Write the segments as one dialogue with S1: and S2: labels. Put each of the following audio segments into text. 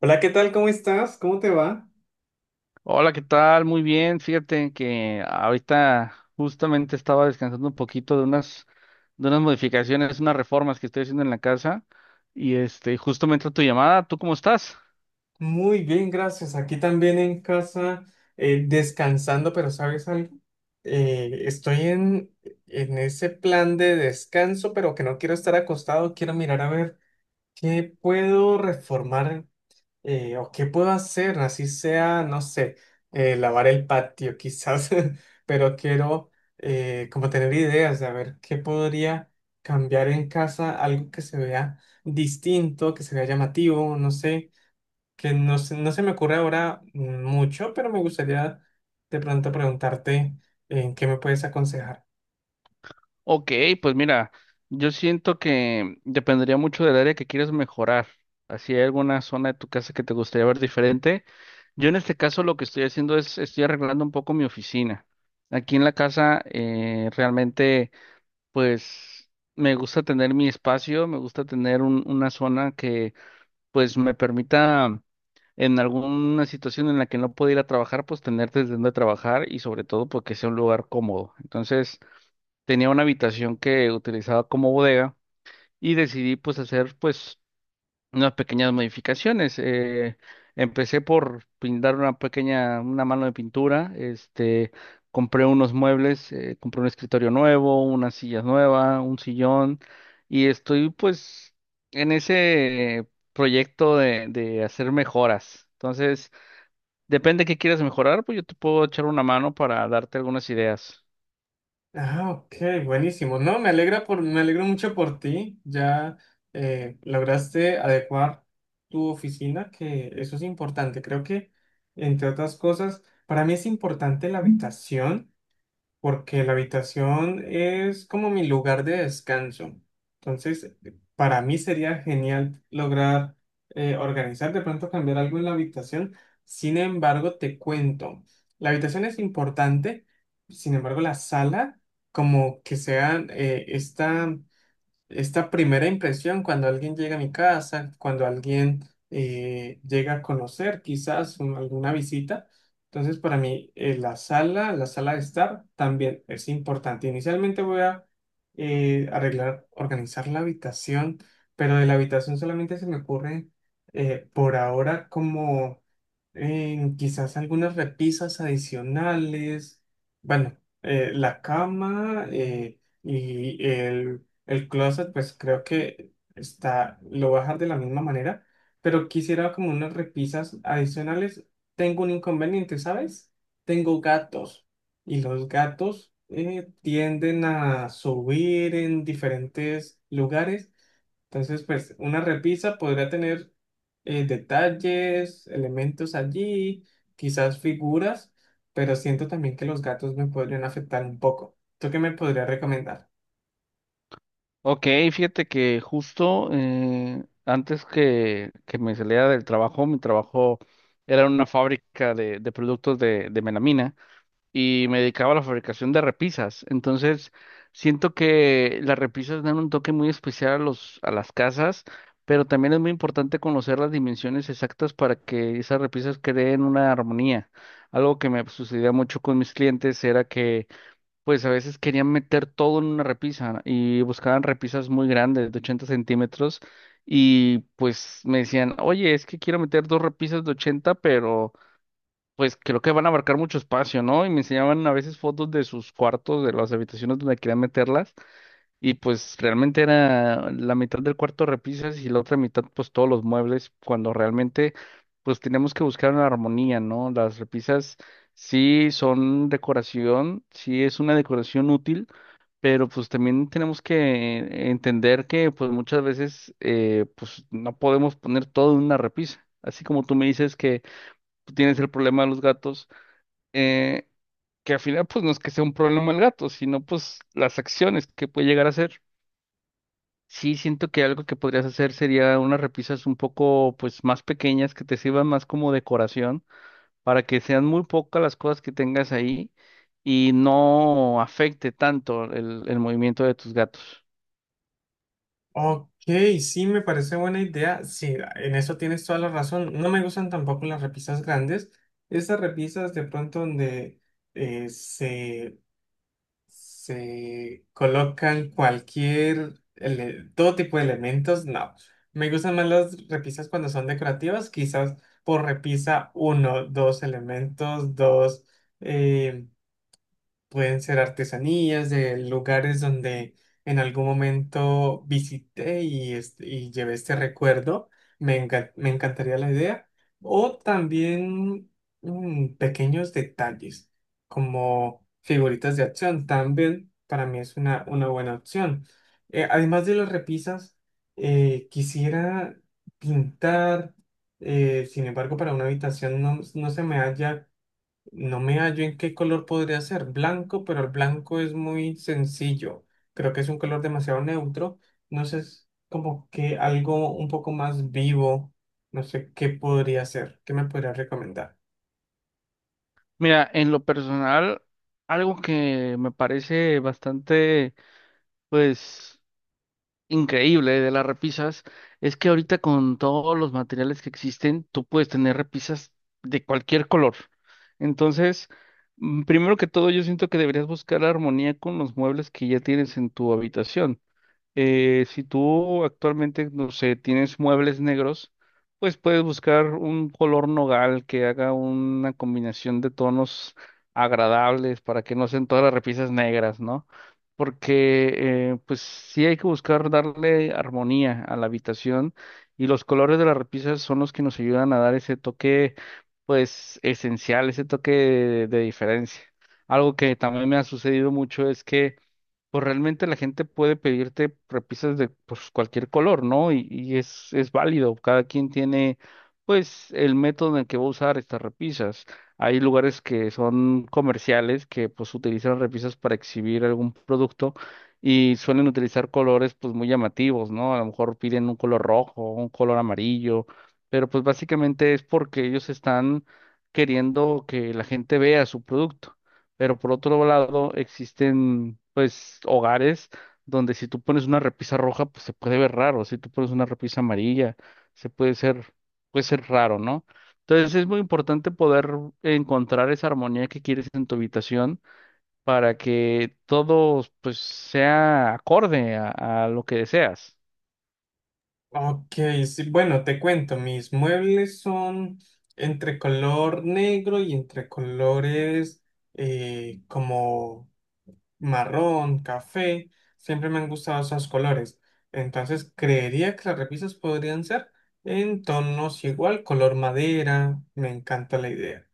S1: Hola, ¿qué tal? ¿Cómo estás? ¿Cómo te va?
S2: Hola, ¿qué tal? Muy bien. Fíjate que ahorita justamente estaba descansando un poquito de unas modificaciones, unas reformas que estoy haciendo en la casa y este, justo me entró tu llamada. ¿Tú cómo estás?
S1: Muy bien, gracias. Aquí también en casa, descansando, pero ¿sabes algo? Eh, estoy en, en ese plan de descanso, pero que no quiero estar acostado, quiero mirar a ver qué puedo reformar. ¿O qué puedo hacer? Así sea, no sé, lavar el patio quizás, pero quiero como tener ideas de a ver qué podría cambiar en casa, algo que se vea distinto, que se vea llamativo, no sé, que no se, no se me ocurre ahora mucho, pero me gustaría de pronto preguntarte en qué me puedes aconsejar.
S2: Ok, pues mira, yo siento que dependería mucho del área que quieres mejorar. Así hay alguna zona de tu casa que te gustaría ver diferente. Yo en este caso lo que estoy haciendo es, estoy arreglando un poco mi oficina. Aquí en la casa realmente... pues me gusta tener mi espacio, me gusta tener una zona que pues me permita en alguna situación en la que no pueda ir a trabajar, pues tener desde donde trabajar y sobre todo porque sea un lugar cómodo. Entonces tenía una habitación que utilizaba como bodega y decidí pues hacer pues unas pequeñas modificaciones. Empecé por pintar una pequeña, una mano de pintura, este, compré unos muebles, compré un escritorio nuevo, unas sillas nuevas, un sillón, y estoy pues en ese proyecto de hacer mejoras. Entonces, depende de qué quieras mejorar, pues yo te puedo echar una mano para darte algunas ideas.
S1: Ah, ok, buenísimo. No, me alegra por, Me alegro mucho por ti. Ya lograste adecuar tu oficina, que eso es importante. Creo que, entre otras cosas, para mí es importante la habitación, porque la habitación es como mi lugar de descanso. Entonces, para mí sería genial lograr organizar, de pronto cambiar algo en la habitación. Sin embargo, te cuento, la habitación es importante, sin embargo, la sala, como que sea esta primera impresión cuando alguien llega a mi casa, cuando alguien llega a conocer quizás alguna visita. Entonces, para mí, la sala de estar también es importante. Inicialmente voy a arreglar, organizar la habitación, pero de la habitación solamente se me ocurre por ahora como quizás algunas repisas adicionales. Bueno, la cama y el closet, pues creo que está, lo voy a dejar de la misma manera, pero quisiera como unas repisas adicionales. Tengo un inconveniente, ¿sabes? Tengo gatos y los gatos tienden a subir en diferentes lugares. Entonces, pues una repisa podría tener detalles, elementos allí, quizás figuras, pero siento también que los gatos me podrían afectar un poco. ¿Tú qué me podrías recomendar?
S2: Ok, fíjate que justo antes que me saliera del trabajo, mi trabajo era en una fábrica de productos de melamina y me dedicaba a la fabricación de repisas. Entonces, siento que las repisas dan un toque muy especial a a las casas, pero también es muy importante conocer las dimensiones exactas para que esas repisas creen una armonía. Algo que me sucedía mucho con mis clientes era que pues a veces querían meter todo en una repisa y buscaban repisas muy grandes, de 80 centímetros, y pues me decían, oye, es que quiero meter dos repisas de 80, pero pues creo que van a abarcar mucho espacio, ¿no? Y me enseñaban a veces fotos de sus cuartos, de las habitaciones donde querían meterlas, y pues realmente era la mitad del cuarto repisas y la otra mitad pues todos los muebles, cuando realmente pues tenemos que buscar una armonía, ¿no? Las repisas sí son decoración, sí es una decoración útil, pero pues también tenemos que entender que pues muchas veces pues no podemos poner todo en una repisa. Así como tú me dices que tú tienes el problema de los gatos, eh, que al final pues no es que sea un problema el gato, sino pues las acciones que puede llegar a hacer. Sí, siento que algo que podrías hacer sería unas repisas un poco pues más pequeñas que te sirvan más como decoración para que sean muy pocas las cosas que tengas ahí y no afecte tanto el movimiento de tus gatos.
S1: Ok, sí, me parece buena idea. Sí, en eso tienes toda la razón. No me gustan tampoco las repisas grandes. Esas repisas de pronto donde eh, se, se colocan todo tipo de elementos, no. Me gustan más las repisas cuando son decorativas, quizás por repisa uno, dos elementos, dos, em, pueden ser artesanías de lugares donde en algún momento visité y, y llevé este recuerdo. Me encantaría la idea. O también pequeños detalles como figuritas de acción. También para mí es una buena opción. Además de las repisas, quisiera pintar. Sin embargo, para una habitación no me hallo en qué color podría ser. Blanco, pero el blanco es muy sencillo. Creo que es un color demasiado neutro. No sé, es como que algo un poco más vivo. No sé qué podría ser. ¿Qué me podría recomendar?
S2: Mira, en lo personal, algo que me parece bastante pues increíble de las repisas es que ahorita con todos los materiales que existen, tú puedes tener repisas de cualquier color. Entonces, primero que todo, yo siento que deberías buscar armonía con los muebles que ya tienes en tu habitación. Si tú actualmente, no sé, tienes muebles negros, pues puedes buscar un color nogal que haga una combinación de tonos agradables para que no sean todas las repisas negras, ¿no? Porque pues sí hay que buscar darle armonía a la habitación y los colores de las repisas son los que nos ayudan a dar ese toque, pues esencial, ese toque de diferencia. Algo que también me ha sucedido mucho es que pues realmente la gente puede pedirte repisas de pues, cualquier color, ¿no? Y es válido, cada quien tiene pues el método en el que va a usar estas repisas. Hay lugares que son comerciales que pues utilizan repisas para exhibir algún producto y suelen utilizar colores pues muy llamativos, ¿no? A lo mejor piden un color rojo, un color amarillo, pero pues básicamente es porque ellos están queriendo que la gente vea su producto. Pero por otro lado, existen pues hogares donde si tú pones una repisa roja, pues se puede ver raro. Si tú pones una repisa amarilla, se puede ser raro, ¿no? Entonces es muy importante poder encontrar esa armonía que quieres en tu habitación para que todo pues sea acorde a lo que deseas.
S1: Ok, sí, bueno, te cuento. Mis muebles son entre color negro y entre colores como marrón, café, siempre me han gustado esos colores. Entonces creería que las repisas podrían ser en tonos igual, color madera, me encanta la idea.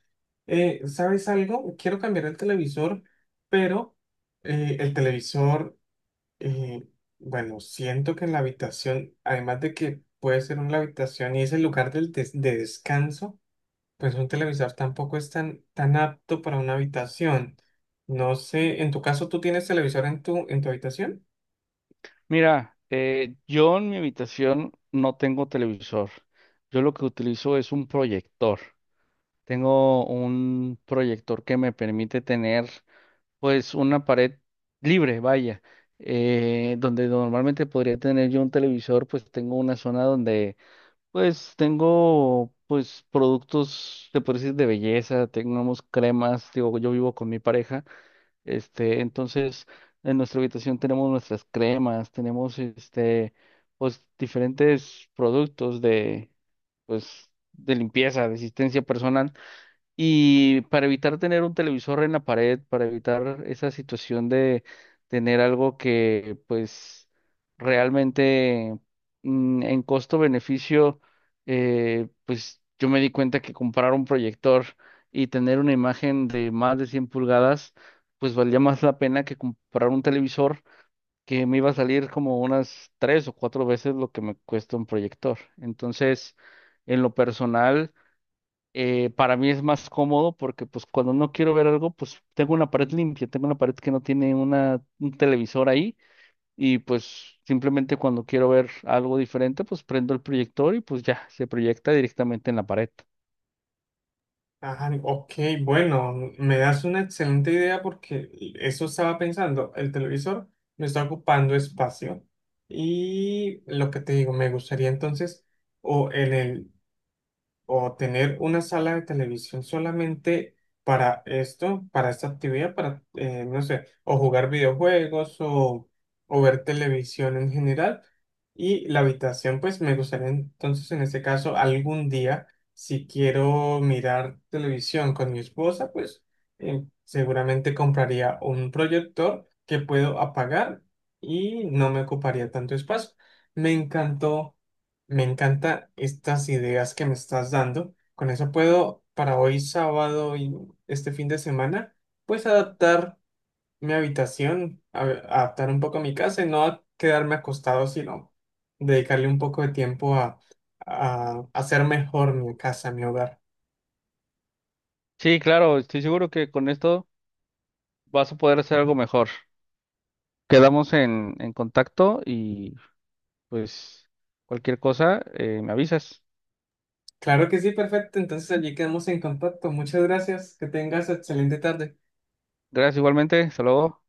S1: ¿Sabes algo? Quiero cambiar el televisor, pero eh, el televisor, eh, bueno, siento que en la habitación, además de que puede ser una habitación y es el lugar de descanso, pues un televisor tampoco es tan, tan apto para una habitación. No sé, en tu caso, ¿tú tienes televisor en en tu habitación?
S2: Mira, yo en mi habitación no tengo televisor. Yo lo que utilizo es un proyector. Tengo un proyector que me permite tener pues una pared libre, vaya, donde normalmente podría tener yo un televisor, pues tengo una zona donde pues tengo pues productos, te puedo decir, de belleza, tenemos cremas, digo, yo vivo con mi pareja, este, entonces en nuestra habitación tenemos nuestras cremas, tenemos este, pues diferentes productos de pues de limpieza, de asistencia personal. Y para evitar tener un televisor en la pared, para evitar esa situación de tener algo que pues realmente en costo-beneficio, pues yo me di cuenta que comprar un proyector y tener una imagen de más de 100 pulgadas, pues valía más la pena que comprar un televisor que me iba a salir como unas 3 o 4 veces lo que me cuesta un proyector. Entonces, en lo personal para mí es más cómodo porque pues cuando no quiero ver algo, pues tengo una pared limpia, tengo una pared que no tiene un televisor ahí y pues simplemente cuando quiero ver algo diferente, pues prendo el proyector y pues ya se proyecta directamente en la pared.
S1: Ajá, ok, bueno, me das una excelente idea porque eso estaba pensando. El televisor me está ocupando espacio. Y lo que te digo, me gustaría entonces, o en el o tener una sala de televisión solamente para esto, para esta actividad, para, no sé, o jugar videojuegos o ver televisión en general. Y la habitación, pues me gustaría entonces en ese caso algún día, si quiero mirar televisión con mi esposa, pues seguramente compraría un proyector que puedo apagar y no me ocuparía tanto espacio. Me encantó Me encantan estas ideas que me estás dando. Con eso puedo, para hoy sábado y este fin de semana, pues adaptar mi habitación, adaptar un poco mi casa y no quedarme acostado, sino dedicarle un poco de tiempo a hacer mejor mi casa, mi hogar.
S2: Sí, claro, estoy seguro que con esto vas a poder hacer algo mejor. Quedamos en contacto y pues cualquier cosa, me avisas.
S1: Claro que sí, perfecto. Entonces allí quedamos en contacto. Muchas gracias. Que tengas excelente tarde.
S2: Gracias igualmente, hasta luego.